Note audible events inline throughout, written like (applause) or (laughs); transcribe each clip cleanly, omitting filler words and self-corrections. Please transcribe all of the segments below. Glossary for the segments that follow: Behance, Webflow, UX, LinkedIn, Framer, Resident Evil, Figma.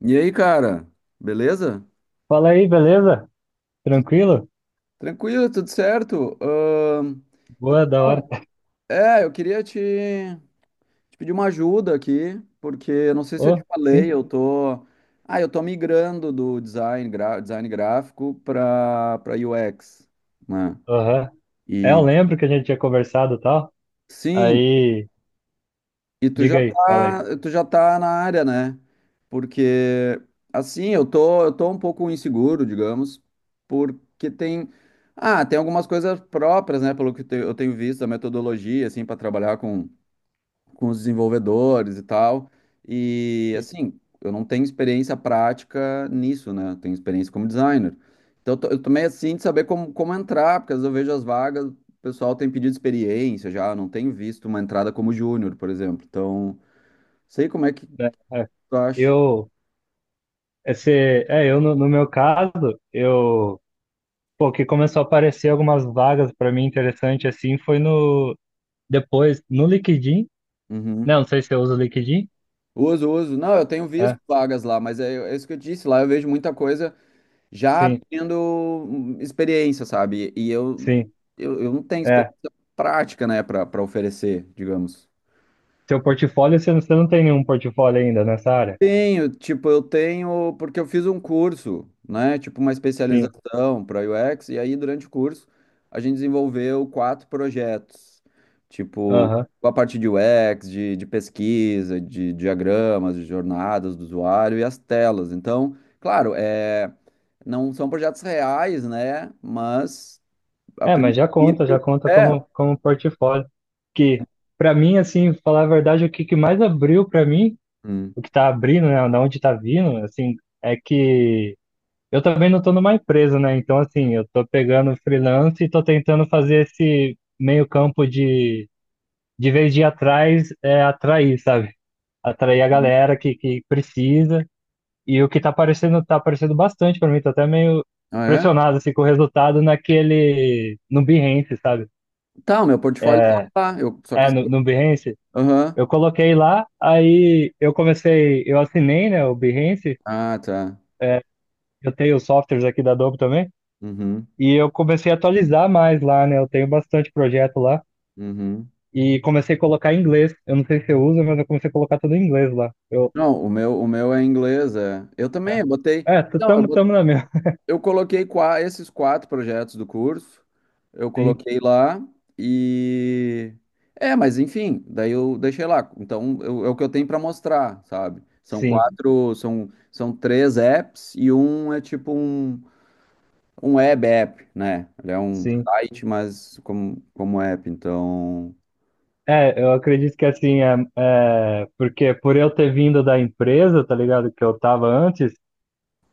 E aí, cara? Beleza? Fala aí, beleza? Tranquilo? Tranquilo, tudo certo? Boa, da hora. então, eu queria te pedir uma ajuda aqui, porque eu não sei se eu te Ô, falei, sim? Eu tô migrando do design, design gráfico para para UX, né? Aham. É, eu E lembro que a gente tinha conversado e tal. sim, Aí, diga aí, fala aí. Tu já tá na área, né? Porque assim, eu tô um pouco inseguro, digamos, porque tem tem algumas coisas próprias, né, pelo que eu tenho visto, a metodologia assim para trabalhar com os desenvolvedores e tal. E Sim. assim, eu não tenho experiência prática nisso, né? Eu tenho experiência como designer. Eu tô meio assim de saber como entrar, porque às vezes eu vejo as vagas, o pessoal tem pedido experiência já, eu não tenho visto uma entrada como júnior, por exemplo. Então, sei como é que Né? É. tu acha. Eu, esse, é, eu no, no meu caso, eu, pô, que começou a aparecer algumas vagas para mim interessante assim, foi no, depois, no LinkedIn, né? Uhum. Não sei se eu uso o LinkedIn. Uso, uso. Não, eu tenho visto É, vagas lá, mas é isso que eu disse. Lá eu vejo muita coisa já sim, tendo experiência, sabe? Sim, Eu não tenho é. experiência prática, né, para para oferecer, digamos. Seu portfólio, você não tem nenhum portfólio ainda nessa área? Tenho, tipo, eu tenho, porque eu fiz um curso, né? Tipo, uma Sim, especialização para UX, e aí durante o curso a gente desenvolveu quatro projetos, tipo, aham. com a parte de UX, de pesquisa, de diagramas, de jornadas do usuário e as telas. Então, claro, é, não são projetos reais, né? Mas a É, mas já princípio conta é. como, como um portfólio. Que, pra mim, assim, falar a verdade, que mais abriu pra mim, Hum. o que tá abrindo, né, da onde tá vindo, assim, é que eu também não tô numa empresa, né? Então, assim, eu tô pegando freelance e tô tentando fazer esse meio campo de vez de ir atrás, é atrair, sabe? Atrair a galera que precisa. E o que tá aparecendo bastante pra mim, tô até meio Ah, é? pressionado, assim, com o resultado naquele, no Behance, sabe? Tá, o meu portfólio tá É, lá. Eu, só que. é, no Behance, Aham. eu coloquei lá, aí eu comecei, eu assinei, né, o Behance, Ah, tá. eu tenho os softwares aqui da Adobe também, Uhum. e eu comecei a atualizar mais lá, né, eu tenho bastante projeto lá, Uhum. e comecei a colocar em inglês, eu não sei se eu uso, mas eu comecei a colocar tudo em inglês lá. Eu, Não, o meu é inglês, é. Eu também, eu botei. é, é, Não, tamo, tamo na mesma. eu coloquei esses quatro projetos do curso, eu (laughs) Sim, coloquei lá e. É, mas enfim, daí eu deixei lá. Então, é o que eu tenho para mostrar, sabe? São sim, quatro, são três apps e um é tipo um, um web app, né? Ele é um sim. site, mas como, como app, então, É, eu acredito que assim, é, é, porque por eu ter vindo da empresa, tá ligado, que eu tava antes,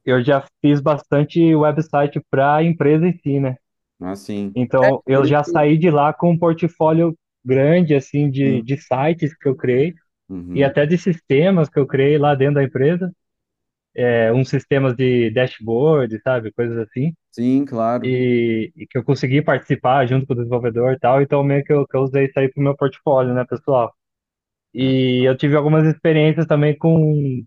eu já fiz bastante website pra empresa em si, né? assim. Então, eu Por já isso. saí de lá com um portfólio grande, assim, Sim, de sites que eu criei e uhum. até de sistemas que eu criei lá dentro da empresa. É, uns sistemas de dashboard, sabe? Coisas assim. Sim, claro. E que eu consegui participar junto com o desenvolvedor e tal. Então, meio que que eu usei isso aí pro meu portfólio, né, pessoal? E eu tive algumas experiências também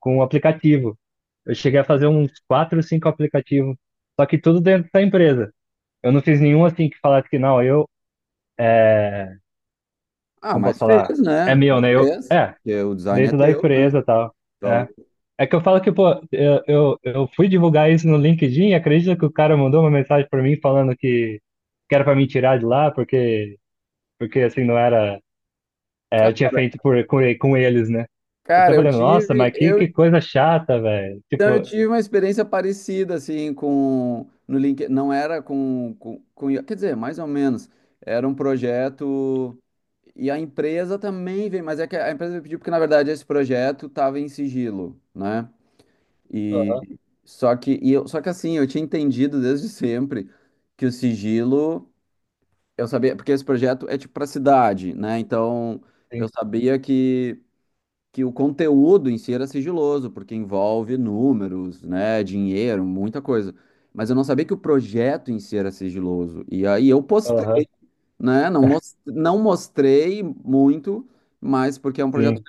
com um aplicativo. Eu cheguei a fazer uns quatro, cinco aplicativos, só que tudo dentro da empresa. Eu não fiz nenhum assim que falasse que não, eu Ah, como mas posso fez, falar? É né? meu, Mas né? Eu, fez. é, Porque o design é dentro da teu, né? empresa e tal. Então, É. É que eu falo que, pô, eu fui divulgar isso no LinkedIn, acredita que o cara mandou uma mensagem pra mim falando que era pra me tirar de lá, porque, porque assim, não era. É, eu ca- tinha feito por, com, com eles, né? Eu cara, tava eu falando, nossa, tive, mas que eu, coisa chata, velho. então eu Tipo, tive uma experiência parecida assim com no LinkedIn, não era com I A, quer dizer, mais ou menos, era um projeto e a empresa também veio, mas é que a empresa me pediu porque na verdade esse projeto estava em sigilo, né? E aham, só que assim, eu tinha entendido desde sempre que o sigilo eu sabia, porque esse projeto é tipo para cidade, né? Então, eu sim, sabia que o conteúdo em si era sigiloso, porque envolve números, né? Dinheiro, muita coisa. Mas eu não sabia que o projeto em si era sigiloso. E aí eu aham, postei, né? Não, não mostrei muito, mas porque é um projeto. sim,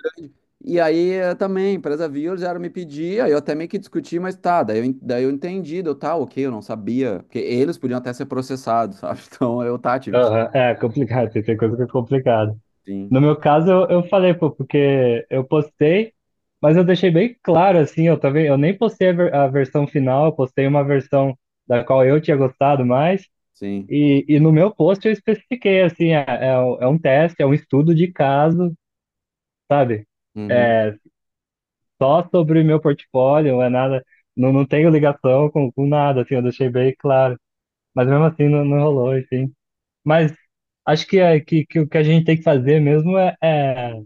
E aí também, a empresa viu, já me pedia, eu até meio que discuti, mas tá, daí eu entendi, deu tá, ok, eu não sabia. Porque eles podiam até ser processados, sabe? (laughs) Então tive que. aham. É complicado, tem coisa que é complicado. Sim, No meu caso, eu falei, pô, porque eu postei, mas eu deixei bem claro, assim, eu também, eu nem postei a, a versão final, eu postei uma versão da qual eu tinha gostado mais, sim. E no meu post eu especifiquei, assim, é, é, um teste, é um estudo de caso, sabe? Uhum, É só sobre o meu portfólio, não é nada, não, não tenho ligação com nada, assim, eu deixei bem claro, mas mesmo assim não, não rolou, enfim. Mas acho que, é, que o que a gente tem que fazer mesmo é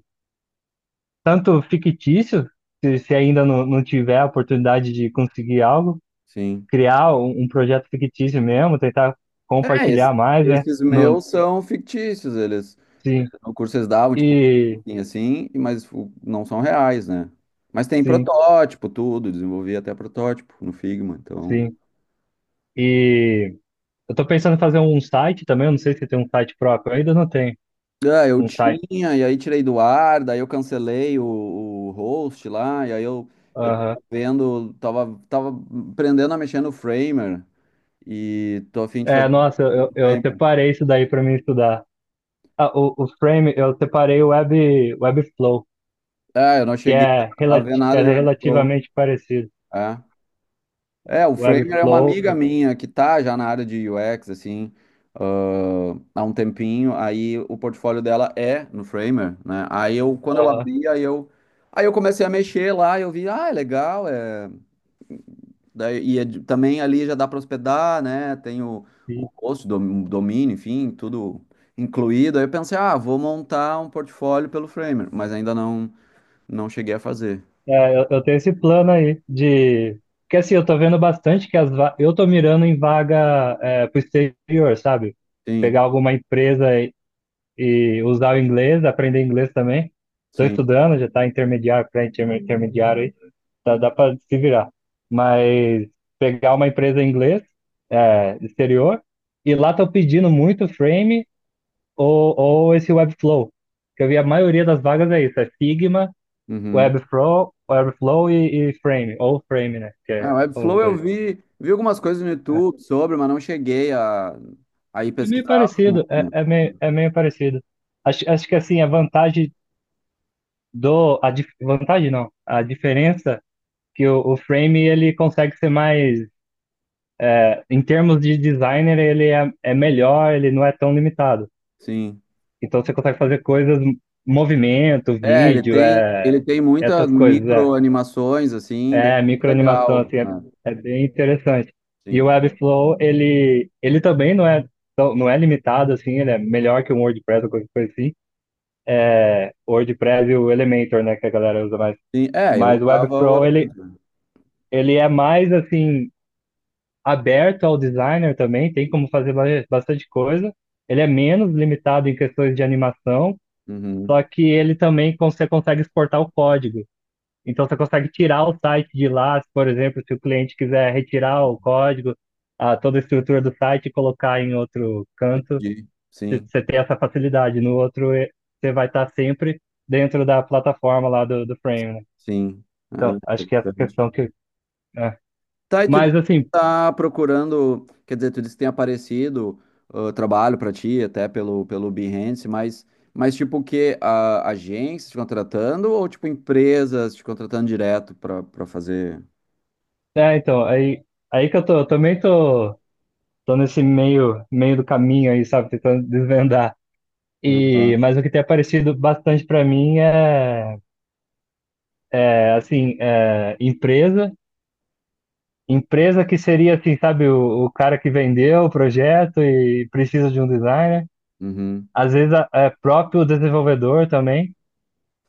tanto fictício, se ainda não, não tiver a oportunidade de conseguir algo, sim. criar um, um projeto fictício mesmo, tentar É, compartilhar mais, né? esses Não, meus são fictícios, eles, sim, no curso eles davam, tipo, e assim, e- mas o- não são reais, né? Mas tem sim, protótipo, tudo, desenvolvi até protótipo no Figma, então... sim. E eu tô pensando em fazer um site também, eu não sei se tem um site próprio, eu ainda não tenho Ah, eu um site. tinha, e aí tirei do ar, daí eu cancelei o host lá, e aí eu, Aham. Tava aprendendo a mexer no Framer, e tô a fim de É, fazer um nossa, eu Framer. separei isso daí para mim estudar. Ah, o Frame, eu separei o Web, Webflow, Ah, eu não que cheguei é, a relati ver nada é de Webflow, relativamente parecido. é. É, o Framer é uma Webflow, amiga minha que tá já na área de UX, assim, há um tempinho. Aí o portfólio dela é no Framer, né? Aí eu, quando eu aham. abri, aí eu comecei a mexer lá, eu vi, ah, é legal, é... Daí, e é também ali já dá para hospedar, né? Tem o host, domínio, enfim, tudo incluído. Aí eu pensei, ah, vou montar um portfólio pelo Framer, mas ainda não, não cheguei a fazer. É, eu tenho esse plano aí de. Porque assim, eu tô vendo bastante que eu tô mirando em vaga é, pro exterior, sabe? Sim, Pegar alguma empresa e usar o inglês, aprender inglês também. Tô sim. estudando, já tá intermediário, pré-intermediário aí, tá, dá pra se virar. Mas pegar uma empresa em inglês, é, exterior, e lá tô pedindo muito Frame ou esse Webflow. Que eu vi a maioria das vagas é isso, é Figma Uhum. Webflow, Webflow e Frame, ou Frame, né? Que É, é, o são os Webflow eu dois. vi, vi algumas coisas no É, YouTube sobre, mas não cheguei a ir é meio pesquisar a fundo, parecido, é, né? É meio parecido. Acho, acho que assim, a vantagem do. Vantagem não, a diferença que o Frame ele consegue ser mais. É, em termos de designer, ele é, é melhor, ele não é tão limitado. Sim. Então você consegue fazer coisas, movimento, É, vídeo, ele é, tem muitas essas coisas, é. micro animações, assim, bem É, microanimação, legal, assim, é, né? é bem interessante. E o Sim. Webflow, ele também não é, não é limitado, assim, ele é melhor que o WordPress ou qualquer coisa assim. É, o WordPress e o Elementor, né, que a galera usa mais. Sim. É, eu Mas o usava o Webflow, ele, elemento, né? ele é mais, assim, aberto ao designer também, tem como fazer bastante coisa. Ele é menos limitado em questões de animação, Uhum. só que ele também você consegue exportar o código. Então você consegue tirar o site de lá, se, por exemplo, se o cliente quiser retirar o código, a, toda a estrutura do site e colocar em outro canto, E- Sim, você tem essa facilidade. No outro, eh, você vai estar sempre dentro da plataforma lá do, do Frame, né? sim. Então, Ah, acho que essa interessante. questão que. É. Tá, e tu disse Mas que assim, tá procurando, quer dizer, tu disse que tem aparecido trabalho pra ti, até pelo, pelo Behance, mas tipo o quê? A, agência te contratando ou tipo empresas te contratando direto pra, pra fazer? é, então, aí, aí que eu tô, eu também tô, tô nesse meio, meio do caminho aí, sabe, tentando desvendar. E, Uhum. mas o que tem aparecido bastante para mim é, é assim, é, empresa que seria assim, sabe, o cara que vendeu o projeto e precisa de um designer. Uhum. Às vezes é próprio desenvolvedor também,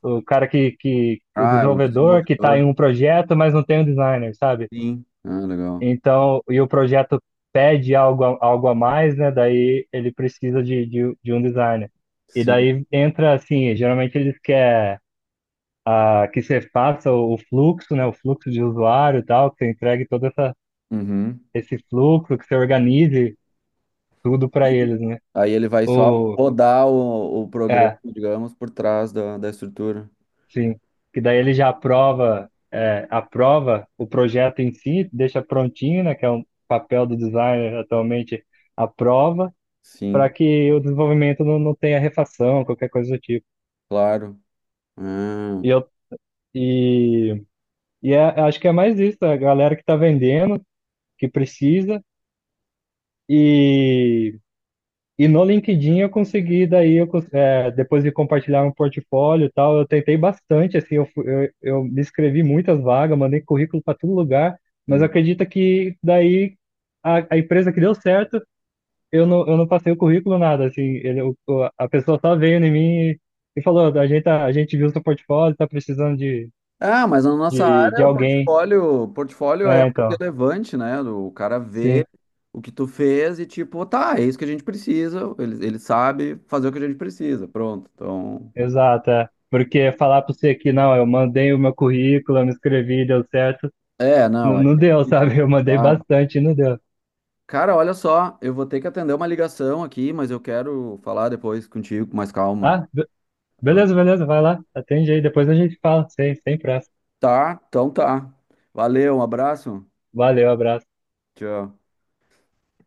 o cara que o Ah, é o desenvolvedor que está desenvolvedor, em um projeto, mas não tem um designer, sabe? sim. Ah, legal. Então, e o projeto pede algo, algo a mais, né? Daí ele precisa de um designer. E Sim. daí entra assim, geralmente eles querem ah, que você faça o fluxo, né? O fluxo de usuário e tal, que você entregue todo essa, Uhum. esse fluxo, que você organize tudo para eles, né? Aí ele vai só Ou, rodar o programa, é, digamos, por trás da, da estrutura. sim. Que daí ele já aprova, é, aprova o projeto em si, deixa prontinho, né? Que é um papel do designer atualmente, aprova Sim, para que o desenvolvimento não, não tenha refação, qualquer coisa do tipo. claro. Ah, E eu e, acho que é mais isso, a galera que está vendendo, que precisa. E e no LinkedIn eu consegui, daí eu, eh, depois de compartilhar um portfólio e tal, eu tentei bastante, assim, eu, eu me inscrevi em muitas vagas, mandei currículo para todo lugar, mas uhum. acredita que daí a empresa que deu certo, eu não passei o currículo nada, assim, ele, a pessoa só veio em mim e falou, a gente, tá, a gente viu seu portfólio, tá precisando Ah, mas na nossa de área, alguém. O portfólio é É, mais então, relevante, né? O cara sim, vê o que tu fez e tipo, tá, é isso que a gente precisa. Ele sabe fazer o que a gente precisa. Pronto. Então, exato, é. Porque falar para você que não, eu mandei o meu currículo, eu me inscrevi, deu certo, é, não, não, é não deu, isso, sabe? Eu mandei claro. bastante e não deu. Cara, olha só, eu vou ter que atender uma ligação aqui, mas eu quero falar depois contigo com mais calma. Ah, Ah, beleza, beleza, vai lá. Atende aí, depois a gente fala. Sem, sem pressa. tá, então tá. Valeu, um abraço. Valeu, abraço. Tchau.